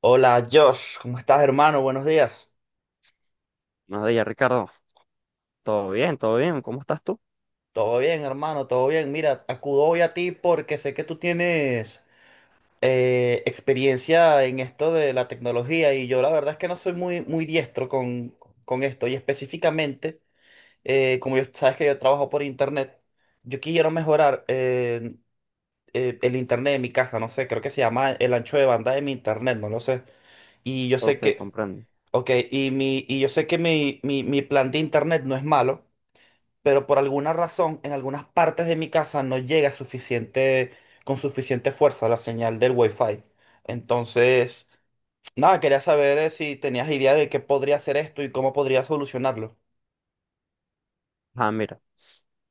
Hola Josh, ¿cómo estás hermano? Buenos días. Buenos días, Ricardo. ¿Todo bien? ¿Todo bien? ¿Cómo estás tú? Todo bien hermano, todo bien. Mira, acudo hoy a ti porque sé que tú tienes experiencia en esto de la tecnología y yo la verdad es que no soy muy, muy diestro con esto y específicamente, como yo, sabes que yo trabajo por internet, yo quiero mejorar el internet de mi casa, no sé, creo que se llama el ancho de banda de mi internet, no lo sé. Y yo sé Ok, que, comprendo. ok, y yo sé que mi plan de internet no es malo. Pero por alguna razón en algunas partes de mi casa no llega suficiente, con suficiente fuerza la señal del Wi-Fi. Entonces, nada, quería saber si tenías idea de qué podría hacer esto y cómo podría solucionarlo. Ah, mira.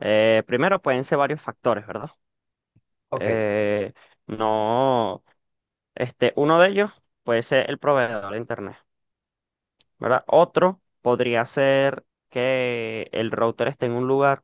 Primero pueden ser varios factores, ¿verdad? Ok, Eh, no, uno de ellos puede ser el proveedor de internet, ¿verdad? Otro podría ser que el router esté en un lugar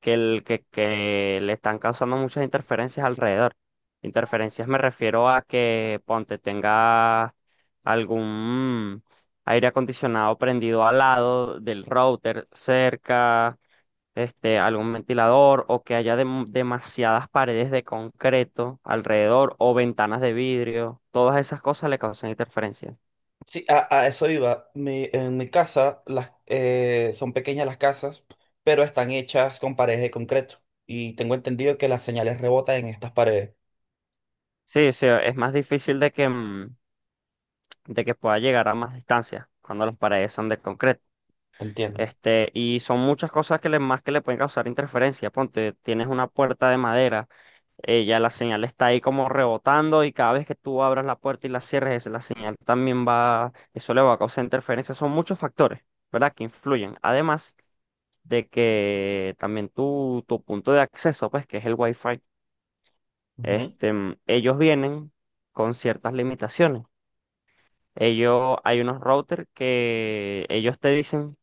que le están causando muchas interferencias alrededor. Interferencias me refiero a que, ponte, tenga algún aire acondicionado prendido al lado del router cerca, algún ventilador o que haya demasiadas paredes de concreto alrededor o ventanas de vidrio. Todas esas cosas le causan interferencia. sí, a eso iba. En mi casa son pequeñas las casas, pero están hechas con paredes de concreto. Y tengo entendido que las señales rebotan en estas paredes. Sí, sí, es más difícil de que pueda llegar a más distancia cuando las paredes son de concreto. Entiendo. Y son muchas cosas que le, más que le pueden causar interferencia. Ponte, tienes una puerta de madera, ya la señal está ahí como rebotando y cada vez que tú abras la puerta y la cierres, la señal también va, eso le va a causar interferencia. Son muchos factores, ¿verdad? Que influyen. Además de que también tu punto de acceso, pues, que es el Wi-Fi, Ujú. Ellos vienen con ciertas limitaciones. Ellos, hay unos routers que ellos te dicen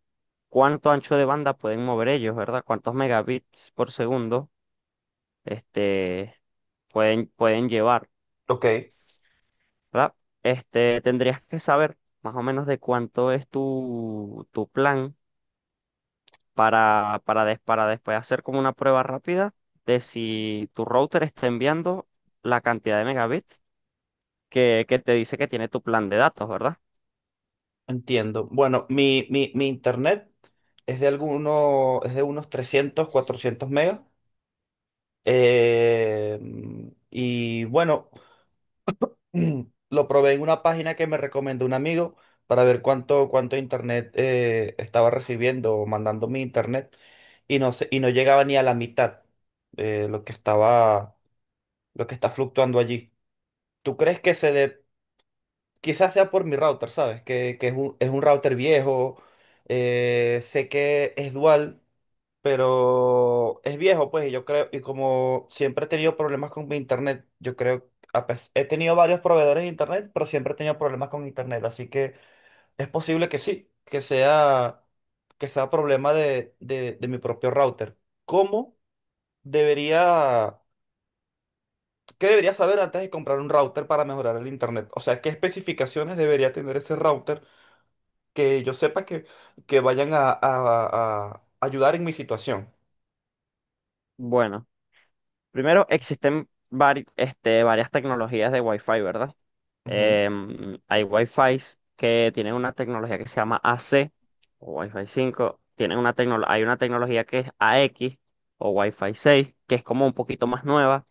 cuánto ancho de banda pueden mover ellos, ¿verdad? Cuántos megabits por segundo este, pueden llevar, Ok. ¿verdad? Tendrías que saber más o menos de cuánto es tu plan para después hacer como una prueba rápida de si tu router está enviando la cantidad de megabits que te dice que tiene tu plan de datos, ¿verdad? Entiendo. Bueno, mi internet es de unos 300 400 megas. Eh, y bueno, lo probé en una página que me recomendó un amigo para ver cuánto internet estaba recibiendo o mandando mi internet. Y no llegaba ni a la mitad eh, lo que estaba, lo que está fluctuando allí. ¿Tú crees que se dé Quizás sea por mi router, ¿sabes? Que es un router viejo. Sé que es dual, pero es viejo, pues, y yo creo, y como siempre he tenido problemas con mi internet, yo creo, he tenido varios proveedores de internet, pero siempre he tenido problemas con internet, así que es posible que sí, que sea problema de de mi propio router. ¿Cómo debería, ¿Qué debería saber antes de comprar un router para mejorar el internet? O sea, ¿qué especificaciones debería tener ese router? Que yo sepa que vayan a ayudar en mi situación. Bueno, primero existen varias tecnologías de Wi-Fi, ¿verdad? Ujú, Hay Wi-Fi que tienen una tecnología que se llama AC o Wi-Fi 5. Hay una tecnología que es AX o Wi-Fi 6 que es como un poquito más nueva.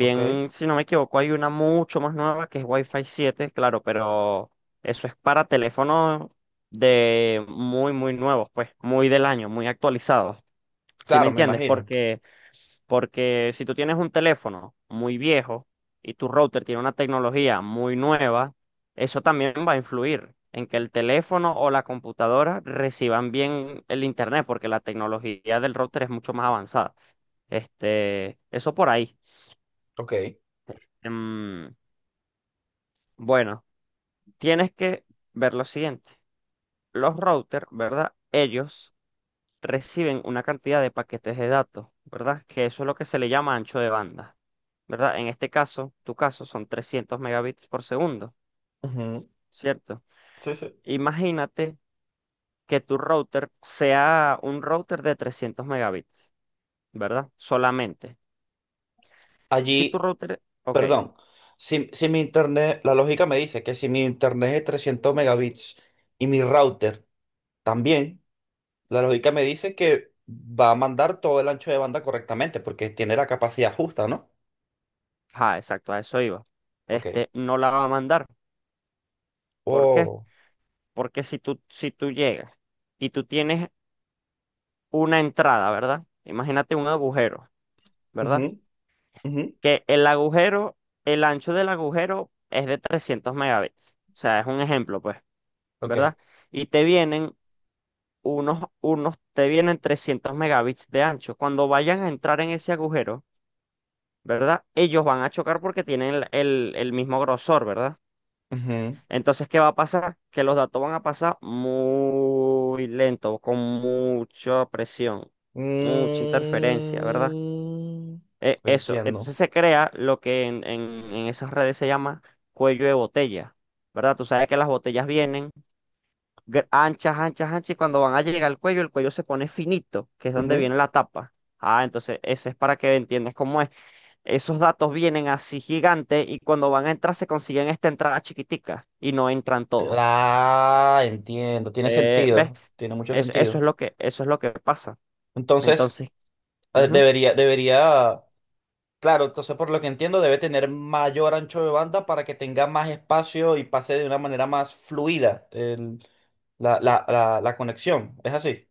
ok. si no me equivoco, hay una mucho más nueva que es Wi-Fi 7. Claro, pero eso es para teléfonos de muy, muy nuevos, pues, muy del año, muy actualizados. ¿Sí me Claro, me entiendes? imagino. Porque si tú tienes un teléfono muy viejo y tu router tiene una tecnología muy nueva, eso también va a influir en que el teléfono o la computadora reciban bien el internet, porque la tecnología del router es mucho más avanzada. Eso por ahí. Ok. Em, bueno, tienes que ver lo siguiente. Los routers, ¿verdad? Ellos reciben una cantidad de paquetes de datos, ¿verdad? Que eso es lo que se le llama ancho de banda, ¿verdad? En este caso, tu caso son 300 megabits por segundo, Ujú, ¿cierto? sí, sí. Imagínate que tu router sea un router de 300 megabits, ¿verdad? Solamente. Si tu Allí, router, ok, perdón. Si mi internet, la lógica me dice que si mi internet es 300 megabits y mi router también, la lógica me dice que va a mandar todo el ancho de banda correctamente porque tiene la capacidad justa, ¿no? ah, exacto, a eso iba. Ok. Este no la va a mandar. ¿Por qué? Oh. Porque si tú llegas y tú tienes una entrada, ¿verdad? Imagínate un agujero, Ujú, ¿verdad? ujú. Que el agujero, el ancho del agujero es de 300 megabits. O sea, es un ejemplo, pues, Ok. ¿verdad? Y te vienen 300 megabits de ancho. Cuando vayan a entrar en ese agujero, ¿verdad? Ellos van a chocar porque tienen el mismo grosor, ¿verdad? Ujú. Entonces, ¿qué va a pasar? Que los datos van a pasar muy lento, con mucha presión, mucha interferencia, ¿verdad? Mm, Eso, entiendo. entonces se crea lo que en esas redes se llama cuello de botella, ¿verdad? Tú sabes que las botellas vienen anchas, anchas, anchas, y cuando van a llegar al cuello, el cuello se pone finito, que es donde Ujú. viene la tapa. Ah, entonces eso es para que entiendas cómo es. Esos datos vienen así gigantes y cuando van a entrar se consiguen esta entrada chiquitica y no entran todos. Ah, entiendo. Tiene ¿Ves? sentido. Tiene mucho Eso, eso es sentido. lo que, eso es lo que pasa. Entonces, Entonces, ujú. Debería, claro, entonces por lo que entiendo, debe tener mayor ancho de banda para que tenga más espacio y pase de una manera más fluida la conexión. ¿Es así?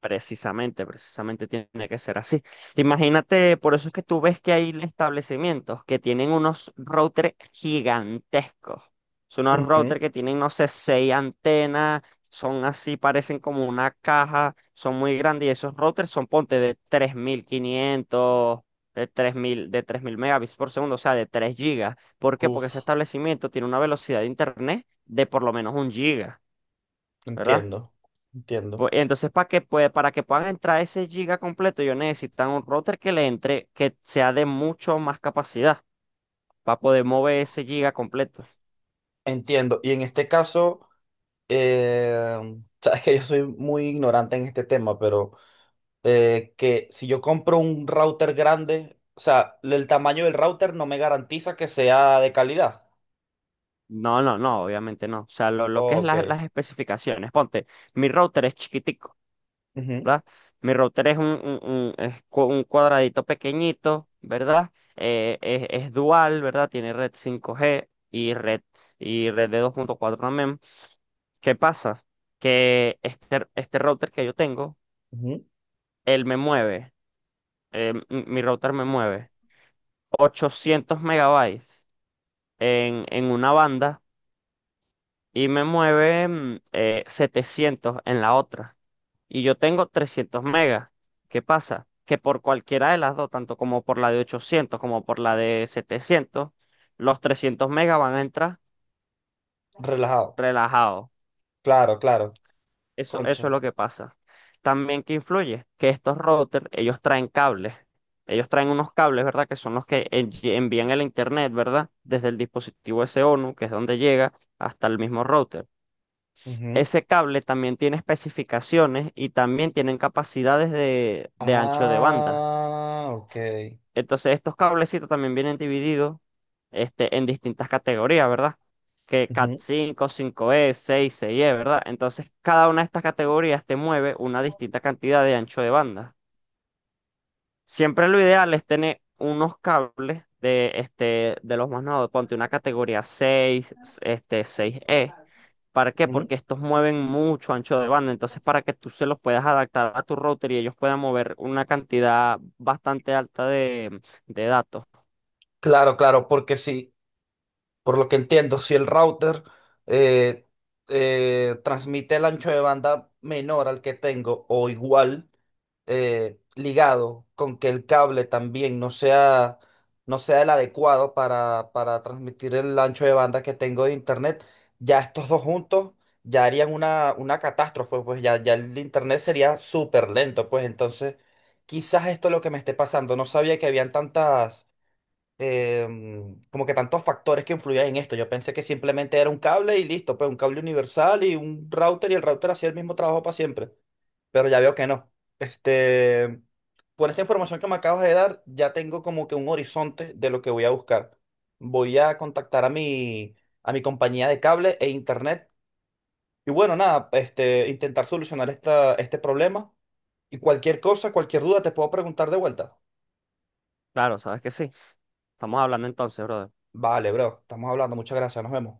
Precisamente, precisamente tiene que ser así. Imagínate, por eso es que tú ves que hay establecimientos que tienen unos routers gigantescos. Son unos Ujú. routers que tienen, no sé, seis antenas, son así, parecen como una caja, son muy grandes y esos routers son, ponte, de 3500, de tres mil megabits por segundo, o sea, de 3 gigas. ¿Por qué? Porque ese Uf, establecimiento tiene una velocidad de internet de por lo menos 1 giga, ¿verdad? entiendo. Entiendo. Pues, entonces, para que puedan entrar ese giga completo, ellos necesitan un router que le entre, que sea de mucho más capacidad para poder mover ese giga completo. Entiendo. Y en este caso. Sabes que yo soy muy ignorante en este tema, pero que si yo compro un router grande, o sea, el tamaño del router no me garantiza que sea de calidad. No, no, no, obviamente no. O sea, lo que es Ok. Las especificaciones. Ponte, mi router es chiquitico, Ujú, ¿verdad? Mi router es un cuadradito pequeñito, ¿verdad? Es dual, ¿verdad? Tiene red 5G y red de dos punto cuatro también. ¿Qué pasa? Que este router que yo tengo ujú. él me mueve, m- mi router me mueve 800 megabytes en una banda y me mueve 700 en la otra. Y yo tengo 300 megas. ¿Qué pasa? Que por cualquiera de las dos, tanto como por la de 800 como por la de 700, los 300 megas van a entrar Relajado. relajados. Claro, claro. Eso, Concha. eso es lo que pasa. También que influye que estos routers, ellos traen cables. Ellos traen unos cables, ¿verdad? Que son los que envían el internet, ¿verdad? Desde el dispositivo SONU, que es donde llega, hasta el mismo router. Ujú. Ese cable también tiene especificaciones y también tienen capacidades de, ancho de banda. Ah, ok. Entonces, estos cablecitos también vienen divididos en distintas categorías, ¿verdad? Que Cat Ujú, cinco, cinco e, seis, seis e, ¿verdad? Entonces, cada una de estas categorías te mueve una distinta cantidad de ancho de banda. Siempre lo ideal es tener unos cables de, de los más nuevos, ponte una categoría seis, seis e. ¿Para qué? ujú. Porque estos mueven mucho ancho de banda. Entonces, para que tú se los puedas adaptar a tu router y ellos puedan mover una cantidad bastante alta de datos. Claro, claro, porque sí. Por lo que entiendo, si el router eh, transmite el ancho de banda menor al que tengo o igual, ligado con que el cable también no sea, no sea el adecuado para transmitir el ancho de banda que tengo de internet, ya estos dos juntos ya harían una catástrofe, pues ya, ya el internet sería súper lento, pues entonces quizás esto es lo que me esté pasando. No sabía que habían tantas como que tantos factores que influían en esto. Yo pensé que simplemente era un cable y listo, pues un cable universal y un router y el router hacía el mismo trabajo para siempre, pero ya veo que no. Este, por esta información que me acabas de dar, ya tengo como que un horizonte de lo que voy a buscar. Voy a contactar a mi compañía de cable e internet y bueno, nada, este, intentar solucionar esta, este problema. Y cualquier cosa, cualquier duda, te puedo preguntar de vuelta. Claro, sabes que sí. Estamos hablando entonces, brother. Vale, bro, estamos hablando. Muchas gracias, nos vemos.